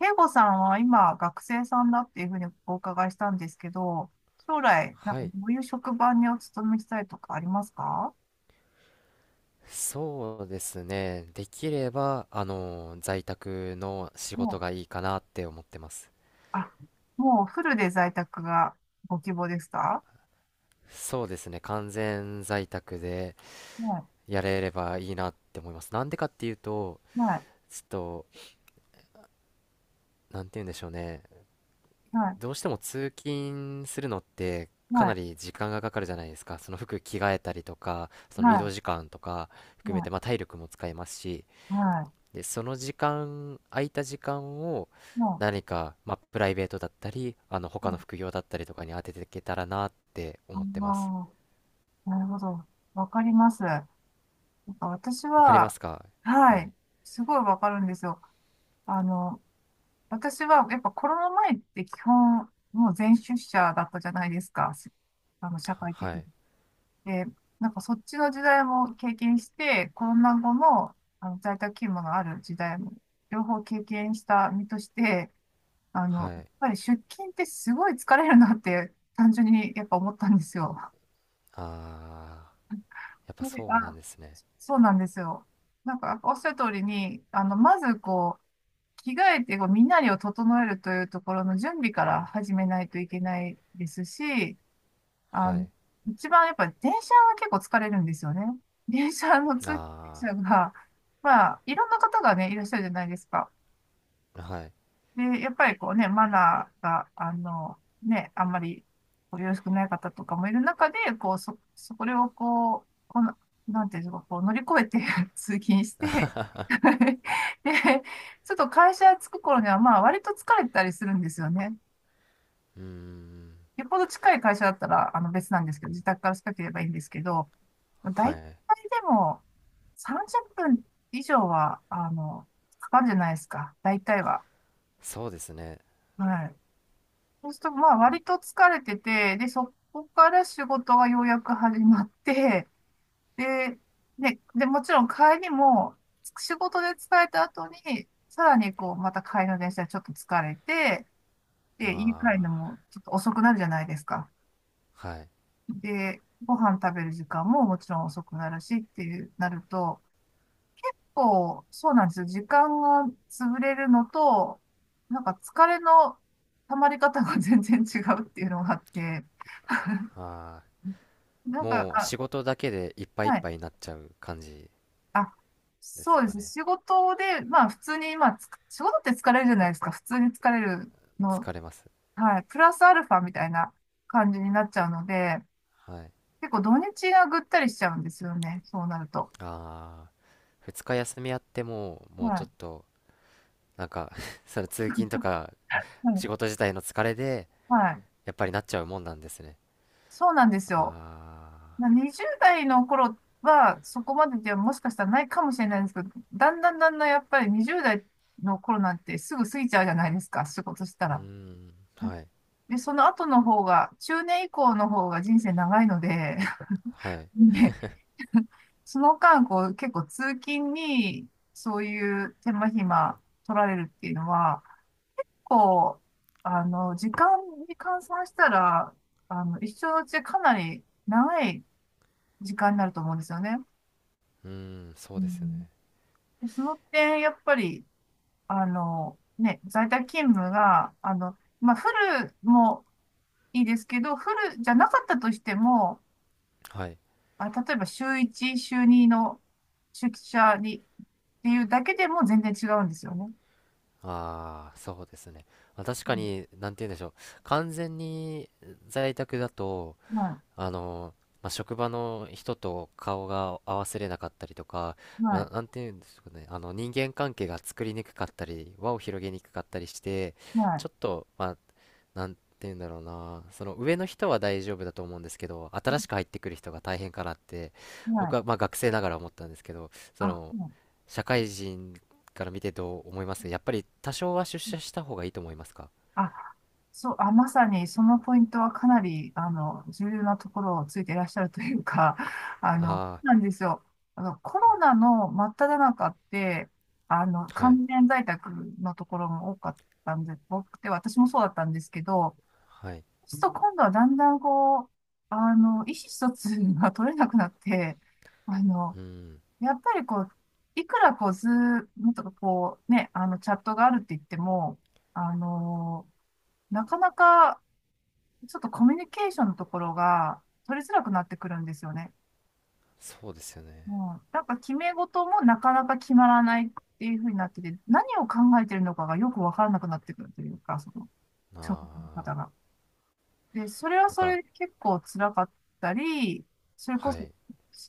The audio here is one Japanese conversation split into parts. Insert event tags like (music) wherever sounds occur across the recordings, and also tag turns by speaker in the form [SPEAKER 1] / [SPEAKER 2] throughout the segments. [SPEAKER 1] 慶吾さんは今学生さんだっていうふうにお伺いしたんですけど、将来、なんか
[SPEAKER 2] は
[SPEAKER 1] ど
[SPEAKER 2] い、
[SPEAKER 1] ういう職場にお勤めしたいとかありますか？
[SPEAKER 2] そうですね。できれば、在宅の仕
[SPEAKER 1] も
[SPEAKER 2] 事が
[SPEAKER 1] う、
[SPEAKER 2] いいかなって思ってます。
[SPEAKER 1] あ、もうフルで在宅がご希望ですか？
[SPEAKER 2] そうですね、完全在宅で
[SPEAKER 1] は
[SPEAKER 2] やれればいいなって思います。なんでかっていうと、
[SPEAKER 1] い、はい、
[SPEAKER 2] ちょっと、なんて言うんでしょうね。
[SPEAKER 1] はい、
[SPEAKER 2] どうしても通勤するのって
[SPEAKER 1] は
[SPEAKER 2] かな
[SPEAKER 1] い、
[SPEAKER 2] り時間がかかるじゃないですか。その服着替えたりとか、その移動
[SPEAKER 1] は
[SPEAKER 2] 時間とか
[SPEAKER 1] い、
[SPEAKER 2] 含め
[SPEAKER 1] は
[SPEAKER 2] て、まあ体力も使いますし、
[SPEAKER 1] い、は
[SPEAKER 2] で、その時間、空いた時間を
[SPEAKER 1] い、も
[SPEAKER 2] 何か、まあ、プライベートだったり、
[SPEAKER 1] う、
[SPEAKER 2] 他の副業だったりとかに当てていけたらなって
[SPEAKER 1] あ
[SPEAKER 2] 思ってます。
[SPEAKER 1] あー、なるほど。わかります。なんか私
[SPEAKER 2] わかりま
[SPEAKER 1] は、
[SPEAKER 2] すか？
[SPEAKER 1] は
[SPEAKER 2] はい。
[SPEAKER 1] い、すごいわかるんですよ。あの、私は、やっぱコロナ前って基本、もう全出社だったじゃないですか。し社会的
[SPEAKER 2] は
[SPEAKER 1] に。
[SPEAKER 2] い。
[SPEAKER 1] で、なんかそっちの時代も経験して、コロナ後の、あの在宅勤務のある時代も、両方経験した身として、やっ
[SPEAKER 2] はい。
[SPEAKER 1] ぱり出勤ってすごい疲れるなって、単純にやっぱ思ったんですよ。
[SPEAKER 2] ああ、やっ
[SPEAKER 1] (laughs)
[SPEAKER 2] ぱ
[SPEAKER 1] で
[SPEAKER 2] そうな
[SPEAKER 1] あ、
[SPEAKER 2] んですね。
[SPEAKER 1] そうなんですよ。なんか、おっしゃる通りに、まずこう、着替えてこう身なりを整えるというところの準備から始めないといけないですし、あ
[SPEAKER 2] は
[SPEAKER 1] の、
[SPEAKER 2] い。
[SPEAKER 1] 一番やっぱり電車は結構疲れるんですよね。電車の通勤
[SPEAKER 2] あ
[SPEAKER 1] 者が、まあ、いろんな方がね、いらっしゃるじゃないですか。
[SPEAKER 2] あ、はい。
[SPEAKER 1] で、やっぱりこうね、マナーが、ね、あんまりこうよろしくない方とかもいる中で、こう、これをこう、この、なんていうんですか、こう乗り越えて (laughs) 通勤して (laughs) で、ちょっと会社着く頃には、まあ、割と疲れてたりするんですよね。
[SPEAKER 2] うーん。
[SPEAKER 1] よっぽど近い会社だったら、別なんですけど、自宅から近ければいいんですけど、大
[SPEAKER 2] は
[SPEAKER 1] 体
[SPEAKER 2] い。
[SPEAKER 1] でも、30分以上は、かかるじゃないですか。大体は。
[SPEAKER 2] そうですね。
[SPEAKER 1] はい。そうすると、まあ、割と疲れてて、で、そこから仕事がようやく始まって、で、もちろん帰りも、仕事で疲れた後に、さらにこう、また帰りの電車でちょっと疲れて、で、家帰るの
[SPEAKER 2] ああ、
[SPEAKER 1] もちょっと遅くなるじゃないですか。
[SPEAKER 2] はい。
[SPEAKER 1] で、ご飯食べる時間ももちろん遅くなるしっていう、なると、こう、そうなんですよ。時間が潰れるのと、なんか疲れの溜まり方が全然違うっていうのがあって、
[SPEAKER 2] ああ、
[SPEAKER 1] なんか、
[SPEAKER 2] もう
[SPEAKER 1] あ、
[SPEAKER 2] 仕事だけでいっぱいいっ
[SPEAKER 1] はい。
[SPEAKER 2] ぱいになっちゃう感じ
[SPEAKER 1] あ、
[SPEAKER 2] で
[SPEAKER 1] そ
[SPEAKER 2] す
[SPEAKER 1] うで
[SPEAKER 2] か
[SPEAKER 1] す。
[SPEAKER 2] ね？
[SPEAKER 1] 仕事で、まあ普通に、まあつ、仕事って疲れるじゃないですか。普通に疲れるの、
[SPEAKER 2] 疲れます。
[SPEAKER 1] はい。プラスアルファみたいな感じになっちゃうので、
[SPEAKER 2] はい。
[SPEAKER 1] 結構土日がぐったりしちゃうんですよね。そうなると。
[SPEAKER 2] ああ。2日休みあっても、もう
[SPEAKER 1] は
[SPEAKER 2] ちょ
[SPEAKER 1] い。
[SPEAKER 2] っと、なんか (laughs) その通勤とか
[SPEAKER 1] はい。
[SPEAKER 2] 仕事自体の疲れで、
[SPEAKER 1] はい。
[SPEAKER 2] やっぱりなっちゃうもんなんですね。
[SPEAKER 1] そうなんですよ。
[SPEAKER 2] あ
[SPEAKER 1] 20代の頃はそこまでではもしかしたらないかもしれないんですけど、だんだんだんだんやっぱり20代の頃なんてすぐ過ぎちゃうじゃないですか。仕事した
[SPEAKER 2] ー、うー
[SPEAKER 1] ら。
[SPEAKER 2] ん、はい、
[SPEAKER 1] で、その後の方が、中年以降の方が人生長いので、
[SPEAKER 2] はい、
[SPEAKER 1] (laughs) でその間、こう、結構通勤に、そういう手間暇取られるっていうのは、こう、時間に換算したら、一生のうちかなり長い時間になると思うんですよね。
[SPEAKER 2] うーん、そ
[SPEAKER 1] う
[SPEAKER 2] うですよ
[SPEAKER 1] ん、
[SPEAKER 2] ね。
[SPEAKER 1] で、その点、やっぱり、ね、在宅勤務が、まあ、フルもいいですけど、フルじゃなかったとしても、
[SPEAKER 2] はい。
[SPEAKER 1] あ、例えば週1、週2の出社にっていうだけでも全然違うんですよね。
[SPEAKER 2] ああ、そうですね。まあ確
[SPEAKER 1] う
[SPEAKER 2] か
[SPEAKER 1] ん、
[SPEAKER 2] に、なんて言うんでしょう。完全に在宅だと、
[SPEAKER 1] は
[SPEAKER 2] あの、まあ、職場の人と顔が合わせれなかったりとか、
[SPEAKER 1] い、はい、
[SPEAKER 2] なんていうんですかね、あの人間関係が作りにくかったり、輪を広げにくかったりして、
[SPEAKER 1] は
[SPEAKER 2] ちょっと、まあ、なんていうんだろうな、その上の人は大丈夫だと思うんですけど、新しく入ってくる人が大変かなって、
[SPEAKER 1] い、は
[SPEAKER 2] 僕
[SPEAKER 1] い。
[SPEAKER 2] はまあ学生ながら思ったんですけど、
[SPEAKER 1] あ、
[SPEAKER 2] そ
[SPEAKER 1] は
[SPEAKER 2] の、
[SPEAKER 1] い
[SPEAKER 2] 社会人から見てどう思います？やっぱり多少は出社した方がいいと思いますか？
[SPEAKER 1] あ、そう、あ、まさにそのポイントはかなり、重要なところをついていらっしゃるというか、(laughs)
[SPEAKER 2] あ
[SPEAKER 1] なんですよ。コ
[SPEAKER 2] あー、は
[SPEAKER 1] ロ
[SPEAKER 2] い、
[SPEAKER 1] ナの真っ只中って、
[SPEAKER 2] はい、
[SPEAKER 1] 完全在宅のところも多かったんで、多くて、私もそうだったんですけど、
[SPEAKER 2] はい。
[SPEAKER 1] そうすると今度はだんだんこう、意思疎通が取れなくなって、あの、
[SPEAKER 2] うん、
[SPEAKER 1] やっぱりこう、いくらこう、ズームとかこう、ね、チャットがあるって言っても、あの、なかなかちょっとコミュニケーションのところが取りづらくなってくるんですよね。
[SPEAKER 2] そうですよね。
[SPEAKER 1] もう、なんか決め事もなかなか決まらないっていうふうになってて、何を考えてるのかがよくわからなくなってくるというか、その、職の
[SPEAKER 2] あ
[SPEAKER 1] 方
[SPEAKER 2] あ、
[SPEAKER 1] が。で、それは
[SPEAKER 2] なん
[SPEAKER 1] そ
[SPEAKER 2] か、
[SPEAKER 1] れで結構辛かったり、それこ
[SPEAKER 2] は
[SPEAKER 1] そ
[SPEAKER 2] い、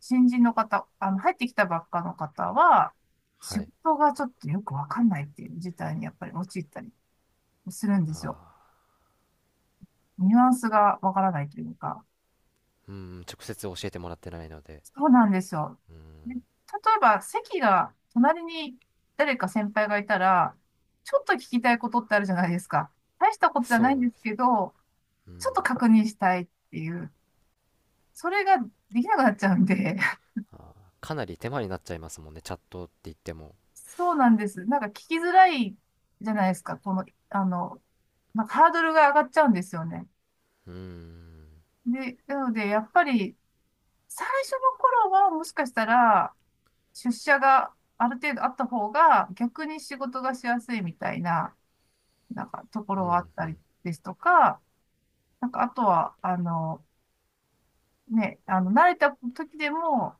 [SPEAKER 1] 新人の方、入ってきたばっかの方は、仕
[SPEAKER 2] はい、
[SPEAKER 1] 事がちょっとよくわかんないっていう事態にやっぱり陥ったりするんで
[SPEAKER 2] あ
[SPEAKER 1] すよ。
[SPEAKER 2] あ、
[SPEAKER 1] ニュアンスがわからないというか。
[SPEAKER 2] うん、直接教えてもらってないので、
[SPEAKER 1] そうなんですよ。
[SPEAKER 2] うん、
[SPEAKER 1] で、例えば席が隣に誰か先輩がいたら、ちょっと聞きたいことってあるじゃないですか。大したことじゃないん
[SPEAKER 2] そ
[SPEAKER 1] で
[SPEAKER 2] う
[SPEAKER 1] す
[SPEAKER 2] です、
[SPEAKER 1] けど、
[SPEAKER 2] う
[SPEAKER 1] ちょっと
[SPEAKER 2] ん、
[SPEAKER 1] 確認したいっていう、それができなくなっちゃうんで、
[SPEAKER 2] あーかなり手間になっちゃいますもんね、チャットって言っても。
[SPEAKER 1] そうなんです。なんか聞きづらいじゃないですか。この、あの、なんかハードルが上がっちゃうんですよね。
[SPEAKER 2] うん、
[SPEAKER 1] で、なので、やっぱり、最初の頃はもしかしたら、出社がある程度あった方が、逆に仕事がしやすいみたいな、なんかとこ
[SPEAKER 2] う
[SPEAKER 1] ろ
[SPEAKER 2] ん、
[SPEAKER 1] はあっ
[SPEAKER 2] う
[SPEAKER 1] たり
[SPEAKER 2] ん、
[SPEAKER 1] ですとか、なんかあとは、慣れた時でも、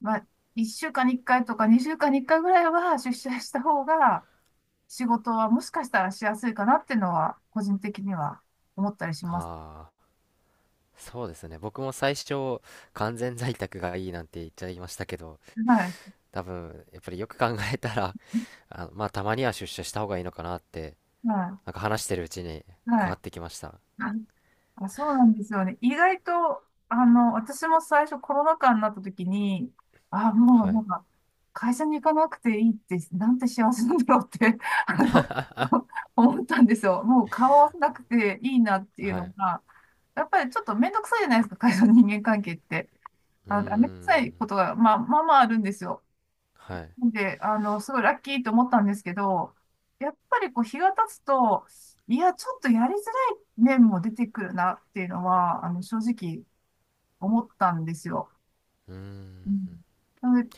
[SPEAKER 1] まあ、1週間に1回とか2週間に1回ぐらいは出社した方が、仕事はもしかしたらしやすいかなっていうのは、個人的には思ったりします。
[SPEAKER 2] ああ、そうですね、僕も最初、完全在宅がいいなんて言っちゃいましたけど、
[SPEAKER 1] はい。
[SPEAKER 2] 多分、やっぱりよく考えたら、(laughs) あ、まあ、たまには出社した方がいいのかなって、
[SPEAKER 1] は
[SPEAKER 2] なんか話してるうちに
[SPEAKER 1] い。
[SPEAKER 2] 変
[SPEAKER 1] は
[SPEAKER 2] わ
[SPEAKER 1] い。
[SPEAKER 2] ってきました。
[SPEAKER 1] あ、そうなんですよね。意外と、私も最初コロナ禍になった時に、あ、もう
[SPEAKER 2] は
[SPEAKER 1] な
[SPEAKER 2] い、
[SPEAKER 1] んか、会社に行かなくていいって、なんて幸せなんだろうって、(laughs) あの、(laughs) 思ったんですよ。もう顔合わせなくていいなっていう
[SPEAKER 2] は
[SPEAKER 1] の
[SPEAKER 2] い、
[SPEAKER 1] が、やっぱりちょっとめんどくさいじゃないですか、会社の人間関係って。
[SPEAKER 2] うー
[SPEAKER 1] あ、めんどくさ
[SPEAKER 2] ん、
[SPEAKER 1] いことが、まあ、まあまああるんですよ。
[SPEAKER 2] はい。
[SPEAKER 1] なんで、すごいラッキーと思ったんですけど、やっぱりこう日が経つと、いや、ちょっとやりづらい面も出てくるなっていうのは、正直思ったんですよ。
[SPEAKER 2] うー
[SPEAKER 1] う
[SPEAKER 2] ん、
[SPEAKER 1] ん。なので、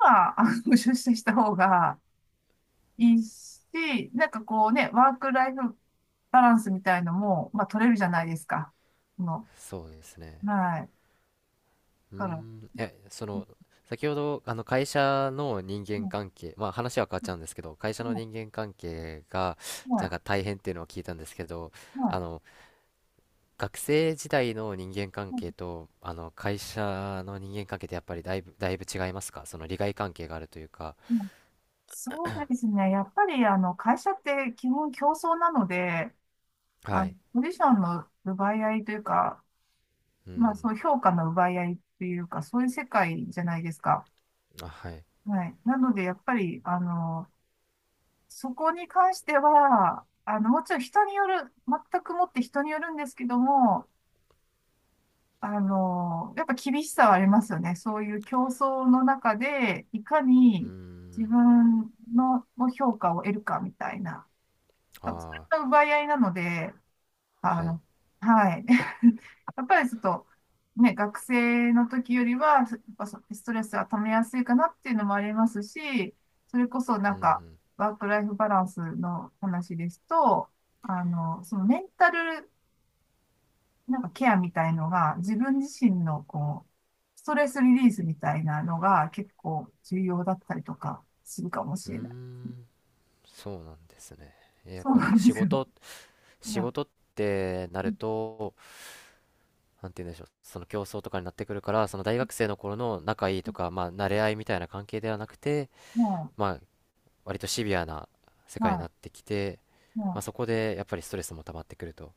[SPEAKER 1] 今出社した方がいいし、なんかこうね、ワークライフバランスみたいのも、まあ、取れるじゃないですか。その、
[SPEAKER 2] そうですね。
[SPEAKER 1] はい。だ
[SPEAKER 2] うー
[SPEAKER 1] から、
[SPEAKER 2] ん、え、そ
[SPEAKER 1] うん
[SPEAKER 2] の、先ほど、会社の人
[SPEAKER 1] う
[SPEAKER 2] 間
[SPEAKER 1] ん
[SPEAKER 2] 関係、まあ話は変わっちゃうんですけど、会社
[SPEAKER 1] う
[SPEAKER 2] の
[SPEAKER 1] ん
[SPEAKER 2] 人間関係が、
[SPEAKER 1] う
[SPEAKER 2] なん
[SPEAKER 1] ん
[SPEAKER 2] か大変っていうのを聞いたんですけど、
[SPEAKER 1] う
[SPEAKER 2] あ
[SPEAKER 1] ん
[SPEAKER 2] の、学生時代の人間関係と、会社の人間関係ってやっぱりだいぶ、だいぶ違いますか？その利害関係があるというか。
[SPEAKER 1] うんそうですね。やっぱり、会社って基本競争なので、
[SPEAKER 2] は
[SPEAKER 1] あ、
[SPEAKER 2] い。
[SPEAKER 1] ポジションの奪い合いというか、
[SPEAKER 2] う
[SPEAKER 1] まあ、
[SPEAKER 2] ん、
[SPEAKER 1] そう、評価の奪い合いというか、そういう世界じゃないですか。
[SPEAKER 2] あ、はい。
[SPEAKER 1] はい。なので、やっぱり、そこに関しては、もちろん人による、全くもって人によるんですけども、やっぱ厳しさはありますよね。そういう競争の中で、いか
[SPEAKER 2] うー
[SPEAKER 1] に自
[SPEAKER 2] ん、
[SPEAKER 1] 分の評価を得るかみたいな。そうそ
[SPEAKER 2] あ
[SPEAKER 1] れの奪い合いなので、あ
[SPEAKER 2] あ、はい。
[SPEAKER 1] の、はい。(laughs) やっぱりちょっと、ね、学生の時よりは、やっぱストレスが溜めやすいかなっていうのもありますし、それこそな
[SPEAKER 2] う
[SPEAKER 1] んか、
[SPEAKER 2] ん、
[SPEAKER 1] ワークライフバランスの話ですと、そのメンタル、なんかケアみたいのが、自分自身のこう、ストレスリリースみたいなのが結構重要だったりとかするかもし
[SPEAKER 2] うん、うー
[SPEAKER 1] れない。
[SPEAKER 2] ん、そうなんですね。やっ
[SPEAKER 1] そう
[SPEAKER 2] ぱ
[SPEAKER 1] な
[SPEAKER 2] り
[SPEAKER 1] んで
[SPEAKER 2] 仕
[SPEAKER 1] すよ。
[SPEAKER 2] 事
[SPEAKER 1] (laughs) う
[SPEAKER 2] 仕
[SPEAKER 1] ん
[SPEAKER 2] 事ってなると、なんて言うんでしょう、その競争とかになってくるから、その大学生の頃の仲いいとか、まあ、慣れ合いみたいな関係ではなくて、
[SPEAKER 1] は
[SPEAKER 2] まあ、割とシビアな世
[SPEAKER 1] い。
[SPEAKER 2] 界に
[SPEAKER 1] は
[SPEAKER 2] なってきて、
[SPEAKER 1] い。
[SPEAKER 2] まあ、
[SPEAKER 1] は
[SPEAKER 2] そ
[SPEAKER 1] い
[SPEAKER 2] こでやっぱりストレスも溜まってくると。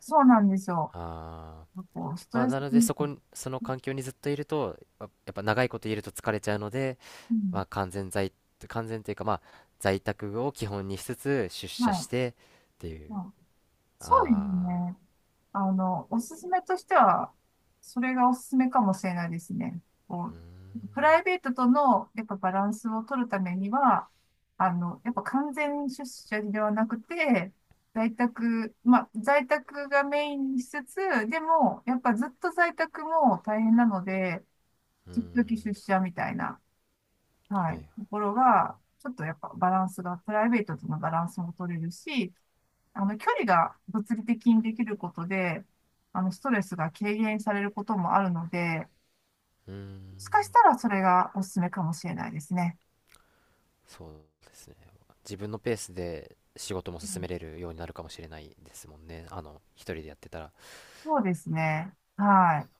[SPEAKER 1] そうなんですよ。
[SPEAKER 2] あー、
[SPEAKER 1] こう、スト
[SPEAKER 2] まあ、
[SPEAKER 1] レス
[SPEAKER 2] なので
[SPEAKER 1] に、
[SPEAKER 2] そ
[SPEAKER 1] う
[SPEAKER 2] こに、その環境にずっといると、やっぱ長いこといると疲れちゃうので、
[SPEAKER 1] う
[SPEAKER 2] ま
[SPEAKER 1] ん、
[SPEAKER 2] あ、完全というか、まあ、在宅を基本にしつつ出
[SPEAKER 1] は
[SPEAKER 2] 社
[SPEAKER 1] い。
[SPEAKER 2] し
[SPEAKER 1] は
[SPEAKER 2] てってい
[SPEAKER 1] い
[SPEAKER 2] う。
[SPEAKER 1] そうです
[SPEAKER 2] ああ、
[SPEAKER 1] ね。おすすめとしては、それがおすすめかもしれないですね。こう、プライベートとの、やっぱバランスを取るためには、やっぱ完全出社ではなくて、在宅、まあ、在宅がメインにしつつ、でも、やっぱずっと在宅も大変なので、
[SPEAKER 2] うー
[SPEAKER 1] 時々出
[SPEAKER 2] ん、
[SPEAKER 1] 社みたいな。は
[SPEAKER 2] は
[SPEAKER 1] い。
[SPEAKER 2] い。
[SPEAKER 1] ところが、ちょっとやっぱバランスが、プライベートとのバランスも取れるし、距離が物理的にできることで、ストレスが軽減されることもあるので、
[SPEAKER 2] うーん。
[SPEAKER 1] もしかしたらそれがおすすめかもしれないですね。
[SPEAKER 2] そうですね。自分のペースで仕事も
[SPEAKER 1] う
[SPEAKER 2] 進
[SPEAKER 1] ん
[SPEAKER 2] めれるようになるかもしれないですもんね。一人でやってたら。
[SPEAKER 1] そうですね。はい。